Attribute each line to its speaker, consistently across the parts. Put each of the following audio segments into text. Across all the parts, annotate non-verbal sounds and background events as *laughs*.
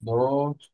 Speaker 1: Dos.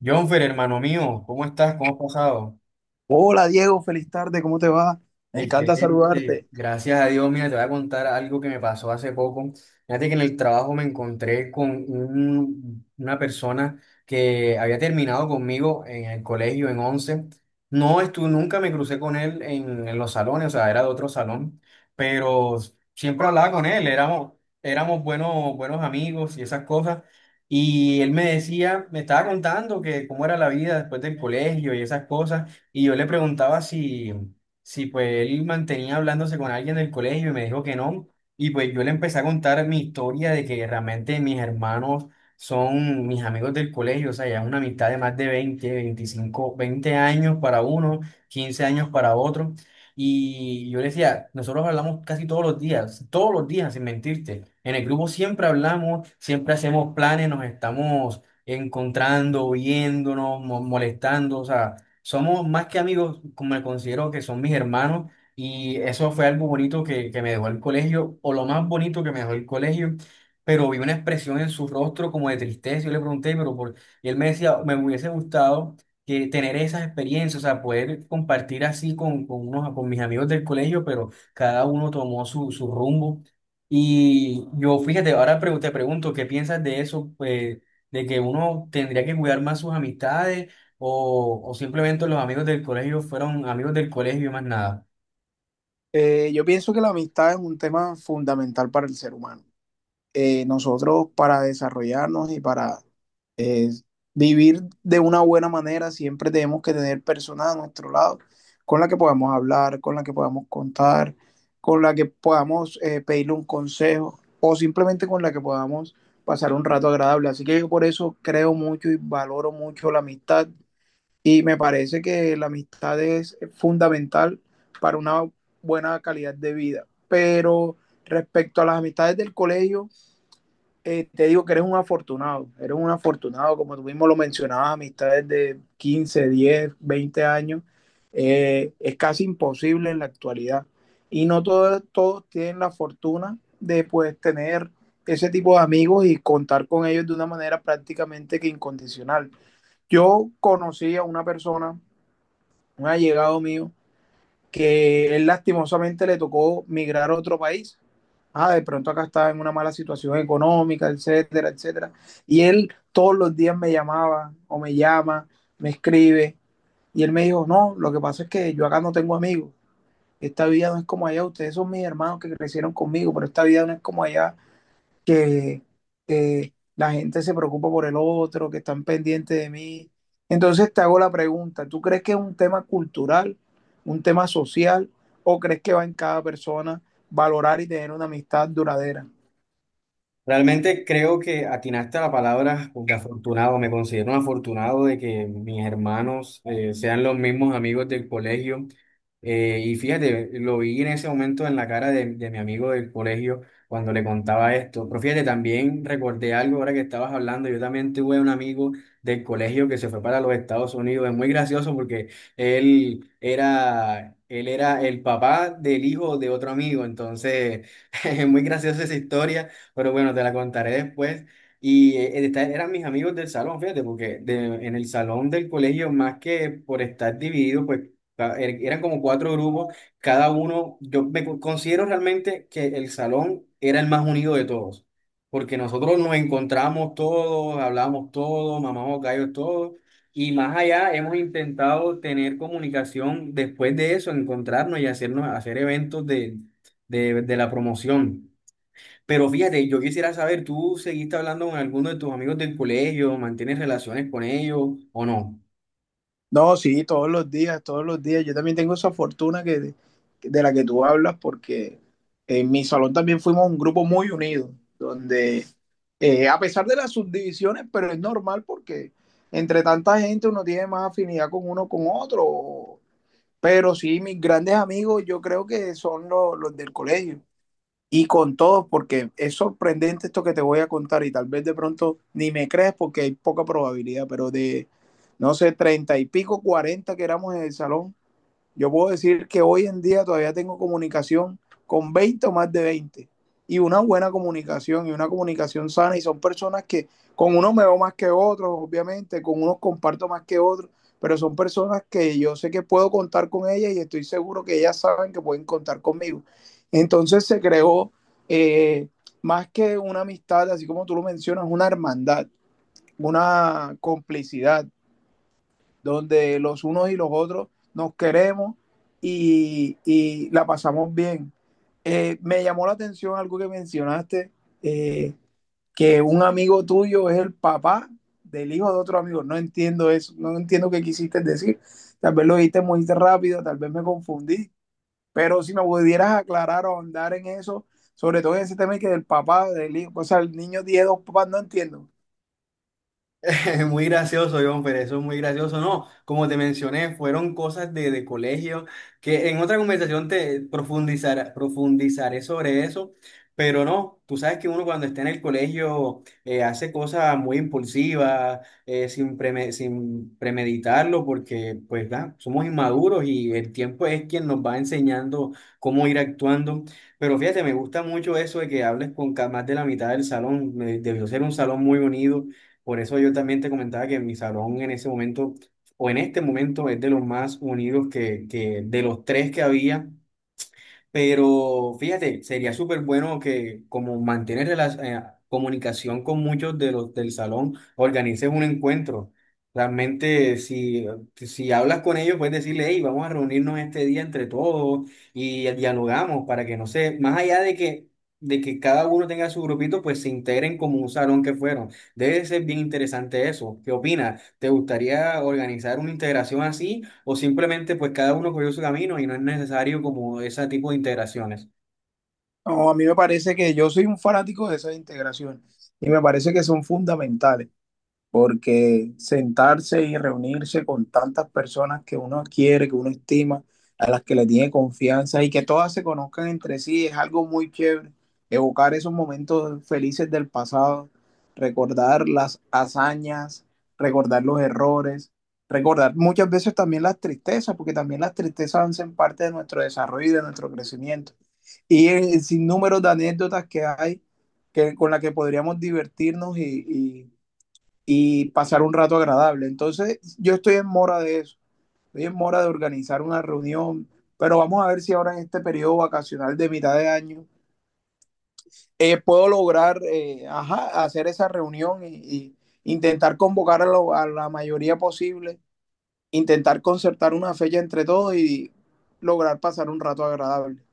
Speaker 1: Jonfer, hermano mío, ¿cómo estás? ¿Cómo has pasado?
Speaker 2: Hola Diego, feliz tarde, ¿cómo te va? Me encanta
Speaker 1: Excelente,
Speaker 2: saludarte.
Speaker 1: gracias a Dios. Mira, te voy a contar algo que me pasó hace poco. Fíjate que en el trabajo me encontré con una persona que había terminado conmigo en el colegio en once. No estuve, nunca me crucé con él en los salones, o sea, era de otro salón, pero siempre hablaba con él, éramos buenos, buenos amigos y esas cosas. Y él me decía, me estaba contando que cómo era la vida después del colegio y esas cosas, y yo le preguntaba si sí, pues él mantenía hablándose con alguien del colegio y me dijo que no. Y pues yo le empecé a contar mi historia de que realmente mis hermanos son mis amigos del colegio, o sea, ya es una amistad de más de 20 25 20 años para uno, 15 años para otro. Y yo le decía, nosotros hablamos casi todos los días, sin mentirte. En el grupo siempre hablamos, siempre hacemos planes, nos estamos encontrando, viéndonos, molestando, o sea somos más que amigos, como me considero que son mis hermanos, y eso fue algo bonito que me dejó el colegio, o lo más bonito que me dejó el colegio, pero vi una expresión en su rostro como de tristeza, yo le pregunté, pero por... y él me decía, me hubiese gustado que tener esas experiencias, o sea, poder compartir así con, unos, con mis amigos del colegio, pero cada uno tomó su rumbo. Y yo, fíjate, ahora te pregunto, ¿qué piensas de eso? Pues, de que uno tendría que cuidar más sus amistades o simplemente los amigos del colegio fueron amigos del colegio y más nada.
Speaker 2: Yo pienso que la amistad es un tema fundamental para el ser humano. Nosotros para desarrollarnos y para eh, vivir de una buena manera siempre tenemos que tener personas a nuestro lado con las que podamos hablar, con las que podamos contar, con las que podamos pedirle un consejo o simplemente con las que podamos pasar un rato agradable. Así que yo por eso creo mucho y valoro mucho la amistad. Y me parece que la amistad es fundamental para una buena calidad de vida. Pero respecto a las amistades del colegio, te digo que eres un afortunado, como tú mismo lo mencionabas, amistades de 15 10 20 años, es casi imposible en la actualidad. Y no todos tienen la fortuna de pues tener ese tipo de amigos y contar con ellos de una manera prácticamente que incondicional. Yo conocí a una persona, un allegado mío, que él lastimosamente le tocó migrar a otro país. Ah, de pronto acá estaba en una mala situación económica, etcétera, etcétera. Y él todos los días me llamaba o me llama, me escribe. Y él me dijo, no, lo que pasa es que yo acá no tengo amigos. Esta vida no es como allá. Ustedes son mis hermanos que crecieron conmigo, pero esta vida no es como allá que la gente se preocupa por el otro, que están pendientes de mí. Entonces te hago la pregunta, ¿tú crees que es un tema cultural, un tema social, o crees que va en cada persona valorar y tener una amistad duradera?
Speaker 1: Realmente creo que atinaste a la palabra de afortunado. Me considero un afortunado de que mis hermanos sean los mismos amigos del colegio. Y fíjate, lo vi en ese momento en la cara de mi amigo del colegio cuando le contaba esto. Pero fíjate, también recordé algo ahora que estabas hablando. Yo también tuve un amigo del colegio que se fue para los Estados Unidos. Es muy gracioso porque él era el papá del hijo de otro amigo. Entonces, *laughs* es muy graciosa esa historia. Pero bueno, te la contaré después. Y eran mis amigos del salón, fíjate, porque en el salón del colegio, más que por estar dividido, pues eran como cuatro grupos, cada uno, yo me considero realmente que el salón era el más unido de todos, porque nosotros nos encontramos todos, hablamos todos, mamamos gallos todos, y más allá hemos intentado tener comunicación después de eso, encontrarnos y hacernos, hacer eventos de, de la promoción. Pero fíjate, yo quisiera saber, ¿tú seguiste hablando con alguno de tus amigos del colegio? ¿Mantienes relaciones con ellos o no?
Speaker 2: No, sí, todos los días, todos los días. Yo también tengo esa fortuna de la que tú hablas, porque en mi salón también fuimos un grupo muy unido, donde a pesar de las subdivisiones, pero es normal porque entre tanta gente uno tiene más afinidad con uno con otro. Pero sí, mis grandes amigos yo creo que son los del colegio y con todos, porque es sorprendente esto que te voy a contar y tal vez de pronto ni me crees porque hay poca probabilidad, pero de, no sé, treinta y pico, 40 que éramos en el salón, yo puedo decir que hoy en día todavía tengo comunicación con 20 o más de 20 y una buena comunicación y una comunicación sana y son personas que con unos me veo más que otros, obviamente, con unos comparto más que otros, pero son personas que yo sé que puedo contar con ellas y estoy seguro que ellas saben que pueden contar conmigo. Entonces se creó eh, más que una amistad, así como tú lo mencionas, una hermandad, una complicidad, donde los unos y los otros nos queremos y la pasamos bien. Me llamó la atención algo que mencionaste, eh, que un amigo tuyo es el papá del hijo de otro amigo. No entiendo eso, no entiendo qué quisiste decir. Tal vez lo dijiste muy rápido, tal vez me confundí, pero si me pudieras aclarar o andar en eso, sobre todo en ese tema que del papá, del hijo, o sea, el niño tiene dos papás, no entiendo.
Speaker 1: *laughs* Muy gracioso, John, pero eso es muy gracioso. No, como te mencioné, fueron cosas de colegio que en otra conversación te profundizaré sobre eso, pero no, tú sabes que uno cuando está en el colegio hace cosas muy impulsivas, sin sin premeditarlo, porque pues da, somos inmaduros y el tiempo es quien nos va enseñando cómo ir actuando. Pero fíjate, me gusta mucho eso de que hables con más de la mitad del salón, debió ser un salón muy unido por eso yo también te comentaba que mi salón en ese momento, o en este momento, es de los más unidos que, de los tres que había, pero fíjate, sería súper bueno que como mantener comunicación con muchos de los del salón, organices un encuentro. Realmente, si hablas con ellos, puedes decirle, hey, vamos a reunirnos este día entre todos y dialogamos para que, no sé, más allá de que, cada uno tenga su grupito, pues se integren como un salón que fueron. Debe ser bien interesante eso. ¿Qué opinas? ¿Te gustaría organizar una integración así, o simplemente pues cada uno cogió su camino y no es necesario como ese tipo de integraciones?
Speaker 2: No, a mí me parece que yo soy un fanático de esas integraciones y me parece que son fundamentales porque sentarse y reunirse con tantas personas que uno quiere, que uno estima, a las que le tiene confianza y que todas se conozcan entre sí, es algo muy chévere. Evocar esos momentos felices del pasado, recordar las hazañas, recordar los errores, recordar muchas veces también las tristezas, porque también las tristezas hacen parte de nuestro desarrollo y de nuestro crecimiento. Y el sinnúmero de anécdotas que hay que, con las que podríamos divertirnos y, y pasar un rato agradable. Entonces, yo estoy en mora de eso, estoy en mora de organizar una reunión, pero vamos a ver si ahora en este periodo vacacional de mitad de año puedo lograr ajá, hacer esa reunión y intentar convocar a la mayoría posible, intentar concertar una fecha entre todos y lograr pasar un rato agradable.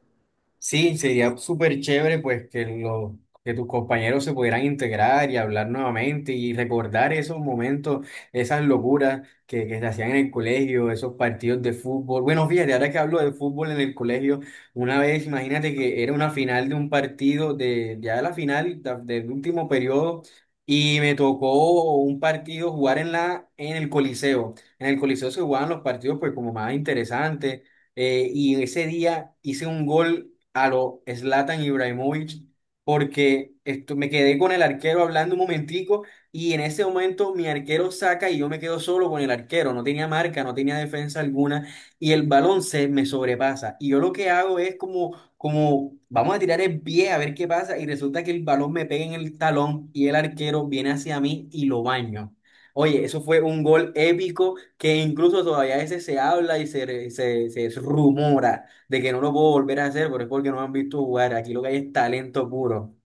Speaker 1: Sí, sería súper chévere pues que tus compañeros se pudieran integrar y hablar nuevamente y recordar esos momentos, esas locuras que se hacían en el colegio, esos partidos de fútbol. Bueno, fíjate, ahora que hablo de fútbol en el colegio, una vez imagínate que era una final de un partido, de ya la del último periodo, y me tocó un partido jugar en el Coliseo. En el Coliseo se jugaban los partidos pues como más interesantes. Y ese día hice un gol a lo Zlatan Ibrahimovic porque esto, me quedé con el arquero hablando un momentico y en ese momento mi arquero saca y yo me quedo solo con el arquero, no tenía marca, no tenía defensa alguna y el balón se me sobrepasa y yo lo que hago es como, como vamos a tirar el pie a ver qué pasa y resulta que el balón me pega en el talón y el arquero viene hacia mí y lo baño. Oye, eso fue un gol épico que incluso todavía a veces se habla y se, se rumora de que no lo puedo volver a hacer, pero es porque no me han visto jugar. Aquí lo que hay es talento puro.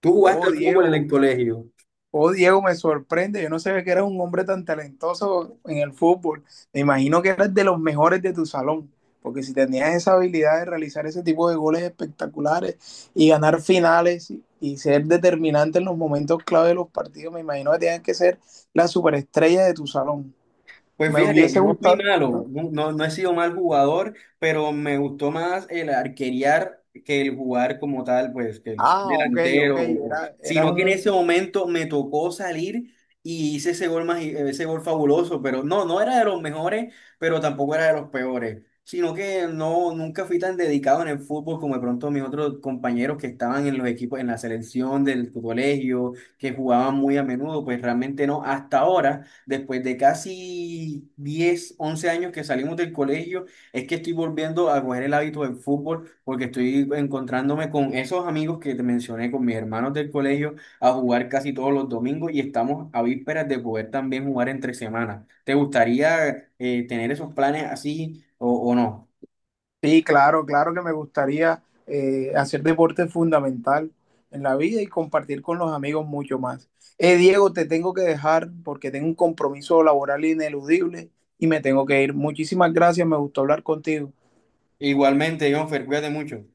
Speaker 1: ¿Tú jugaste
Speaker 2: Oh,
Speaker 1: al fútbol en el
Speaker 2: Diego,
Speaker 1: colegio?
Speaker 2: Oh, Diego, me sorprende. Yo no sabía que eras un hombre tan talentoso en el fútbol. Me imagino que eras de los mejores de tu salón, porque si tenías esa habilidad de realizar ese tipo de goles espectaculares y ganar finales y ser determinante en los momentos clave de los partidos, me imagino que tenías que ser la superestrella de tu salón.
Speaker 1: Pues
Speaker 2: Me
Speaker 1: fíjate,
Speaker 2: hubiese
Speaker 1: no fui
Speaker 2: gustado.
Speaker 1: malo,
Speaker 2: ¿No?
Speaker 1: no, no, no he sido mal jugador, pero me gustó más el arquerear que el jugar como tal, pues que el ser
Speaker 2: Ah, ok, ok.
Speaker 1: delantero,
Speaker 2: Eras
Speaker 1: sino que en ese
Speaker 2: un...
Speaker 1: momento me tocó salir y hice ese gol, más ese gol fabuloso, pero no, no era de los mejores, pero tampoco era de los peores, sino que no, nunca fui tan dedicado en el fútbol como de pronto mis otros compañeros que estaban en los equipos, en la selección del colegio, que jugaban muy a menudo, pues realmente no, hasta ahora. Después de casi 10 11 años que salimos del colegio, es que estoy volviendo a coger el hábito del fútbol porque estoy encontrándome con esos amigos que te mencioné, con mis hermanos del colegio, a jugar casi todos los domingos y estamos a vísperas de poder también jugar entre semanas. ¿Te gustaría tener esos planes así, o no?
Speaker 2: Sí, claro, claro que me gustaría hacer deporte fundamental en la vida y compartir con los amigos mucho más. Diego, te tengo que dejar porque tengo un compromiso laboral ineludible y me tengo que ir. Muchísimas gracias, me gustó hablar contigo.
Speaker 1: Igualmente, Jonfer, cuídate mucho.